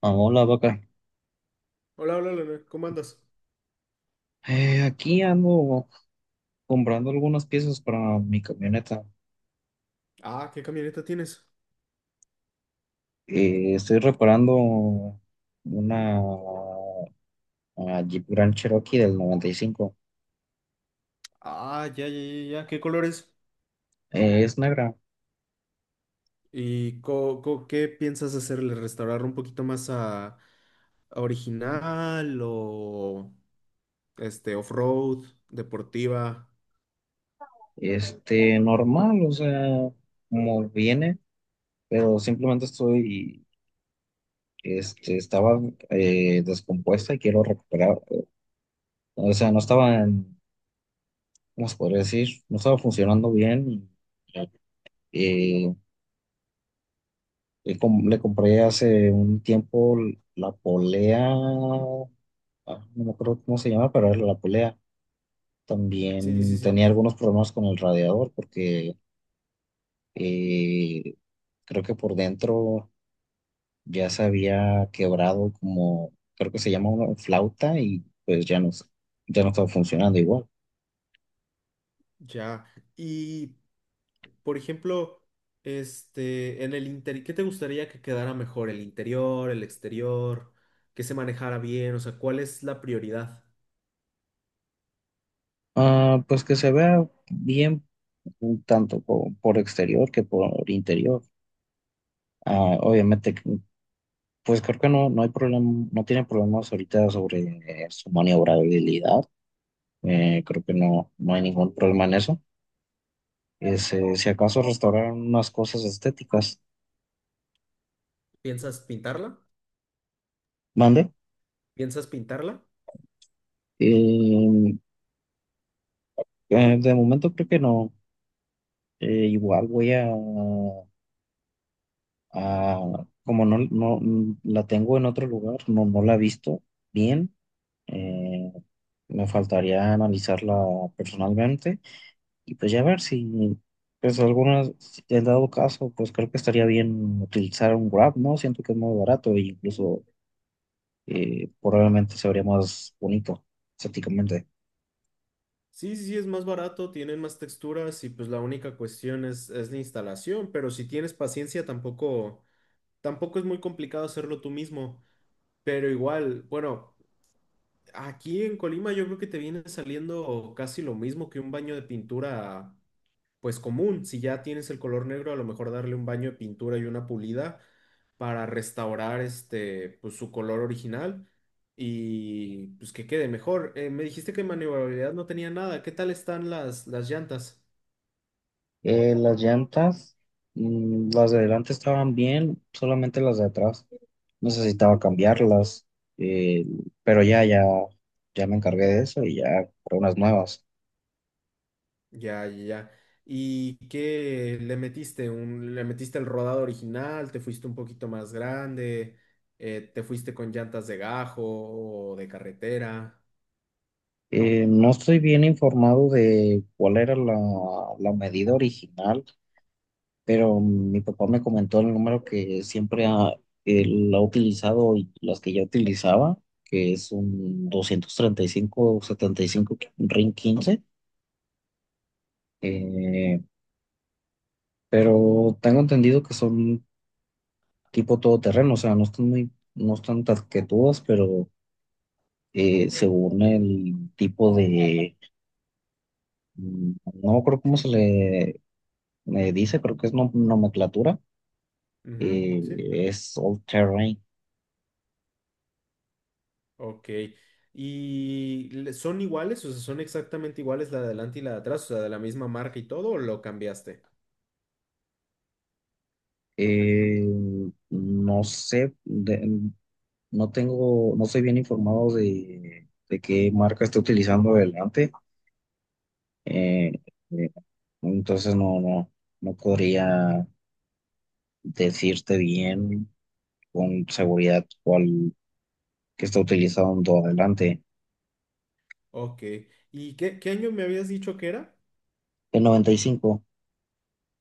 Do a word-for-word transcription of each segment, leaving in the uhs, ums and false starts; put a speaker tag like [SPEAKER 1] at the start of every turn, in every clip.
[SPEAKER 1] Ah, Hola, vaca.
[SPEAKER 2] Hola, hola, Leonel, ¿cómo andas?
[SPEAKER 1] Eh, aquí ando comprando algunas piezas para mi camioneta.
[SPEAKER 2] Ah, ¿qué camioneta tienes?
[SPEAKER 1] Eh, estoy reparando una, una Jeep Grand Cherokee del noventa y cinco.
[SPEAKER 2] Ah, ya, ya, ya, ya. ¿Qué colores?
[SPEAKER 1] Eh, es negra,
[SPEAKER 2] ¿Y co- co- qué piensas hacerle? ¿Restaurar un poquito más a, a original o este off-road, deportiva?
[SPEAKER 1] este, normal, o sea, como viene, pero simplemente estoy, este, estaba eh, descompuesta y quiero recuperar. O sea, no estaba en, ¿cómo se podría decir? No estaba funcionando bien. y, eh, Le, com- le compré hace un tiempo la polea. Ah, no me acuerdo cómo se llama, pero era la polea.
[SPEAKER 2] Sí, sí,
[SPEAKER 1] También
[SPEAKER 2] sí,
[SPEAKER 1] tenía algunos problemas con el radiador porque eh, creo que por dentro ya se había quebrado, como, creo que se llama una flauta, y pues ya no, s- ya no estaba funcionando igual.
[SPEAKER 2] ya. Y, por ejemplo, este, en el interior, ¿qué te gustaría que quedara mejor? ¿El interior, el exterior? ¿Que se manejara bien? O sea, ¿cuál es la prioridad?
[SPEAKER 1] Ah, pues que se vea bien, tanto po- por, exterior que por interior. Ah, obviamente, pues creo que no, no hay problema, no tiene problemas ahorita sobre eh, su maniobrabilidad. Eh, creo que no, no hay ningún problema en eso. Es, eh, si acaso restaurar unas cosas estéticas.
[SPEAKER 2] ¿Piensas pintarla?
[SPEAKER 1] Mande.
[SPEAKER 2] ¿Piensas pintarla?
[SPEAKER 1] Eh, eh, de momento creo que no. Eh, igual voy a, a- como no, no mm, la tengo en otro lugar, no, no la he visto bien. eh, Me faltaría analizarla personalmente. Y pues ya ver si, pues algunas, si en dado caso, pues creo que estaría bien utilizar un Grab, ¿no? Siento que es muy barato, e incluso eh, probablemente se vería más bonito estéticamente.
[SPEAKER 2] Sí, sí, sí, es más barato, tienen más texturas y pues la única cuestión es, es la instalación, pero si tienes paciencia tampoco, tampoco es muy complicado hacerlo tú mismo, pero igual, bueno, aquí en Colima yo creo que te viene saliendo casi lo mismo que un baño de pintura pues común. Si ya tienes el color negro, a lo mejor darle un baño de pintura y una pulida para restaurar este, pues su color original y pues que quede mejor. Eh, me dijiste que maniobrabilidad no tenía nada. ¿Qué tal están las, las llantas?
[SPEAKER 1] Eh, las llantas, mm, las de adelante estaban bien, solamente las de atrás necesitaba cambiarlas. eh, pero ya, ya, ya me encargué de eso y ya compré unas nuevas.
[SPEAKER 2] Ya, ya, ya. ¿Y qué le metiste? Un, ¿le metiste el rodado original? ¿Te fuiste un poquito más grande? Eh, ¿te fuiste con llantas de gajo o de carretera?
[SPEAKER 1] Eh, no estoy bien informado de cuál era la la medida original, pero mi papá me comentó el número que siempre ha, él ha utilizado y las que ya utilizaba, que es un doscientos treinta y cinco setenta y cinco RIN quince. eh, pero tengo entendido que son tipo todoterreno, o sea, no están muy, no están taquetudas, pero eh, según el tipo de, mm, no creo cómo se le, me dice, creo que es nom- nomenclatura,
[SPEAKER 2] Ujú,
[SPEAKER 1] eh,
[SPEAKER 2] sí.
[SPEAKER 1] es all terrain.
[SPEAKER 2] Ok. ¿Y le- son iguales? O sea, ¿son exactamente iguales la de adelante y la de atrás? O sea, de la misma marca y todo, ¿o lo cambiaste?
[SPEAKER 1] Eh, no sé, de- no tengo, no soy bien informado de, de qué marca está utilizando adelante. Eh, eh, entonces no, no, no podría decirte bien con seguridad cuál que está utilizando adelante.
[SPEAKER 2] Ok. ¿Y qué, qué año me habías dicho que era?
[SPEAKER 1] El noventa y cinco.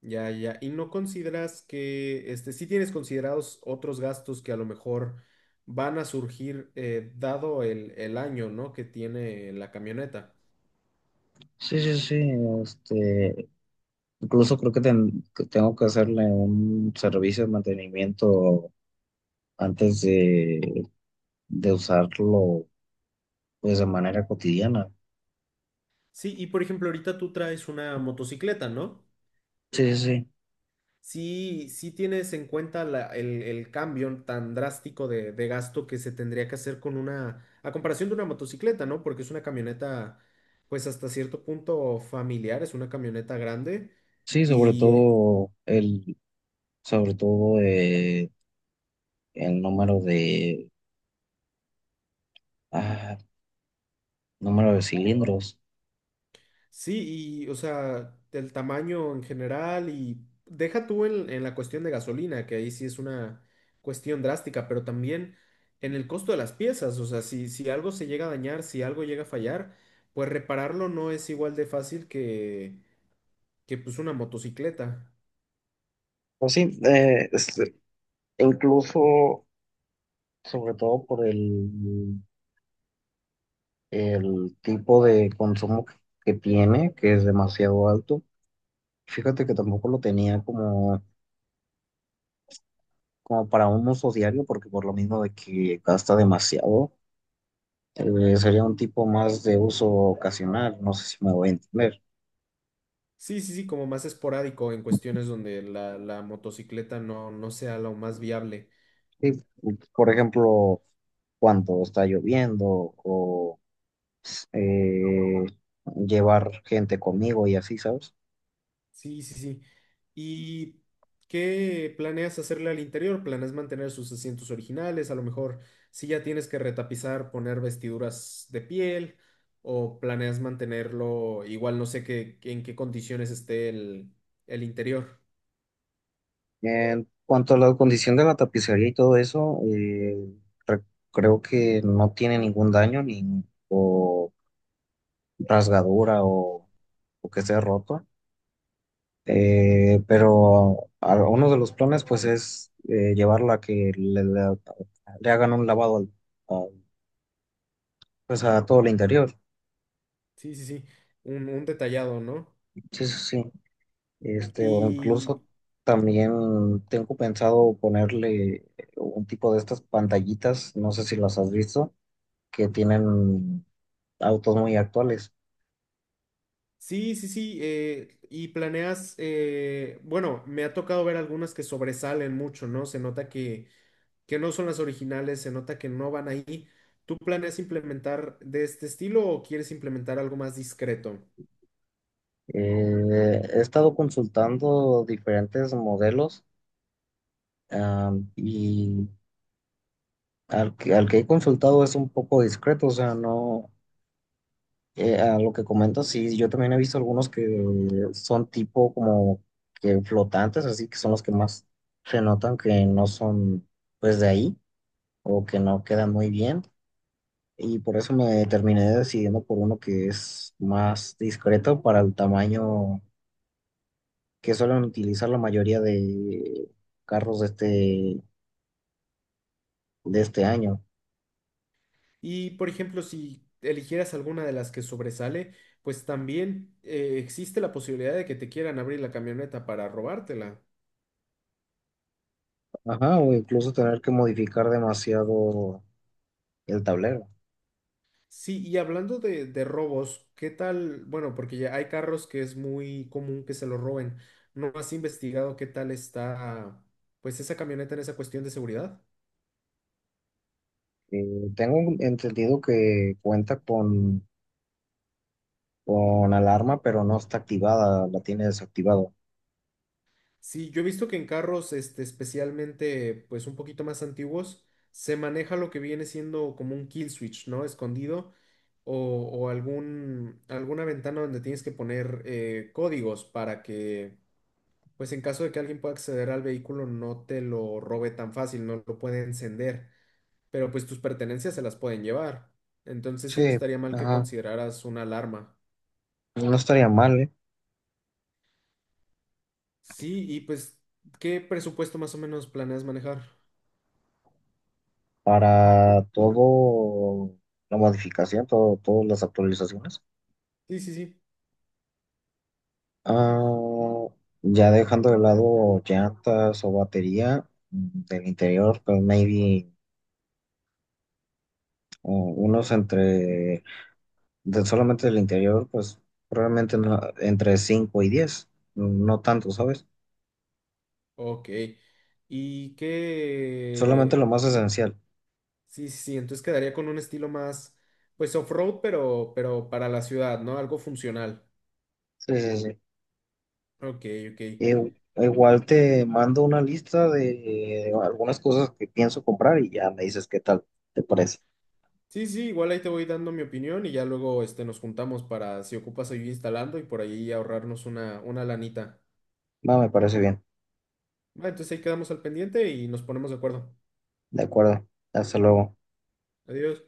[SPEAKER 2] Ya, ya. ¿Y no consideras que, este, sí tienes considerados otros gastos que a lo mejor van a surgir eh, dado el, el año, ¿no? que tiene la camioneta?
[SPEAKER 1] Sí, sí, sí. Este, Incluso creo que, ten- que tengo que hacerle un servicio de mantenimiento antes de, de usarlo, pues de manera cotidiana.
[SPEAKER 2] Sí, y por ejemplo, ahorita tú traes una motocicleta, ¿no?
[SPEAKER 1] Sí, sí, sí.
[SPEAKER 2] Sí, sí tienes en cuenta la- el, el cambio tan drástico de, de gasto que se tendría que hacer con una, a comparación de una motocicleta, ¿no? Porque es una camioneta, pues hasta cierto punto familiar, es una camioneta grande
[SPEAKER 1] Sí, sobre
[SPEAKER 2] y, eh,
[SPEAKER 1] todo el, sobre todo eh, el número de, ah, número de cilindros.
[SPEAKER 2] sí, y o sea, el tamaño en general y deja tú en, en la cuestión de gasolina, que ahí sí es una cuestión drástica, pero también en el costo de las piezas, o sea, si, si algo se llega a dañar, si algo llega a fallar, pues repararlo no es igual de fácil que, que pues una motocicleta.
[SPEAKER 1] Pues sí, eh, este, incluso sobre todo por el, el tipo de consumo que tiene, que es demasiado alto. Fíjate que tampoco lo tenía como, como para un uso diario, porque por lo mismo de que gasta demasiado, eh, sería un tipo más de uso ocasional, no sé si me voy a entender.
[SPEAKER 2] Sí, sí, sí, como más esporádico en cuestiones donde la, la motocicleta no, no sea lo más viable.
[SPEAKER 1] Sí, por ejemplo, cuando está lloviendo o eh, llevar gente conmigo, y así, ¿sabes?
[SPEAKER 2] Sí, sí, sí. ¿Y qué planeas hacerle al interior? ¿Planeas mantener sus asientos originales? A lo mejor si ya tienes que retapizar, poner vestiduras de piel, o planeas mantenerlo igual, no sé qué, en qué condiciones esté el, el interior.
[SPEAKER 1] En cuanto a la condición de la tapicería y todo eso, eh, re- creo que no tiene ningún daño ni o rasgadura, o, o que esté roto. Eh, pero a- uno de los planes pues es eh, llevarla a que le, le- le hagan un lavado al- al- pues a todo el interior.
[SPEAKER 2] Sí, sí, sí. Un, un detallado, ¿no?
[SPEAKER 1] Sí, sí, sí. Este, o
[SPEAKER 2] Y
[SPEAKER 1] incluso también tengo pensado ponerle un tipo de estas pantallitas, no sé si las has visto, que tienen autos muy actuales.
[SPEAKER 2] sí, sí, sí. Eh, y planeas, eh, bueno, me ha tocado ver algunas que sobresalen mucho, ¿no? Se nota que que no son las originales, se nota que no van ahí. ¿Tú planeas implementar de este estilo o quieres implementar algo más discreto?
[SPEAKER 1] Eh, he estado consultando diferentes modelos, am, y al que, al que he consultado es un poco discreto, o sea, no, eh, a lo que comento, sí, yo también he visto algunos que son tipo como que flotantes, así que son los que más se notan que no son pues de ahí, o que no quedan muy bien. Y por eso me terminé decidiendo por uno que es más discreto, para el tamaño que suelen utilizar la mayoría de carros de este, de este año.
[SPEAKER 2] Y, por ejemplo, si eligieras alguna de las que sobresale, pues también eh, existe la posibilidad de que te quieran abrir la camioneta para robártela.
[SPEAKER 1] Ajá, o incluso tener que modificar demasiado el tablero.
[SPEAKER 2] Sí, y hablando de, de robos, ¿qué tal? Bueno, porque ya hay carros que es muy común que se los roben. ¿No has investigado qué tal está, pues, esa camioneta en esa cuestión de seguridad?
[SPEAKER 1] Eh, Tengo entendido que cuenta con con alarma, pero no está activada, la tiene desactivada.
[SPEAKER 2] Sí, yo he visto que en carros, este, especialmente, pues un poquito más antiguos, se maneja lo que viene siendo como un kill switch, ¿no? Escondido o, o algún, alguna ventana donde tienes que poner eh, códigos para que, pues en caso de que alguien pueda acceder al vehículo, no te lo robe tan fácil, no lo puede encender, pero pues tus pertenencias se las pueden llevar. Entonces sí, no
[SPEAKER 1] Sí,
[SPEAKER 2] estaría mal que
[SPEAKER 1] ajá.
[SPEAKER 2] consideraras una alarma.
[SPEAKER 1] No estaría mal, ¿eh?
[SPEAKER 2] Sí, y pues, ¿qué presupuesto más o menos planeas manejar?
[SPEAKER 1] Para todo la modificación, todo, todas las actualizaciones.
[SPEAKER 2] Sí, sí, sí.
[SPEAKER 1] Ah, ya dejando de lado llantas o batería, mm, del interior, pues maybe oh, unos entre, de solamente del interior, pues probablemente no- entre cinco y diez, no tanto, ¿sabes?
[SPEAKER 2] Ok. Y
[SPEAKER 1] Solamente lo
[SPEAKER 2] que...
[SPEAKER 1] más esencial.
[SPEAKER 2] Sí, sí, sí, entonces quedaría con un estilo más, pues off-road, pero, pero para la ciudad, ¿no? Algo funcional.
[SPEAKER 1] Sí, sí, sí.
[SPEAKER 2] Ok, ok.
[SPEAKER 1] Eh, Igual te mando una lista de algunas cosas que pienso comprar y ya me dices qué tal, ¿te parece?
[SPEAKER 2] Sí, sí, igual ahí te voy dando mi opinión y ya luego este, nos juntamos para, si ocupas, ir instalando y por ahí ahorrarnos una, una lanita.
[SPEAKER 1] Va, me parece bien.
[SPEAKER 2] Va, entonces ahí quedamos al pendiente y nos ponemos de acuerdo.
[SPEAKER 1] De acuerdo. Hasta luego.
[SPEAKER 2] Adiós.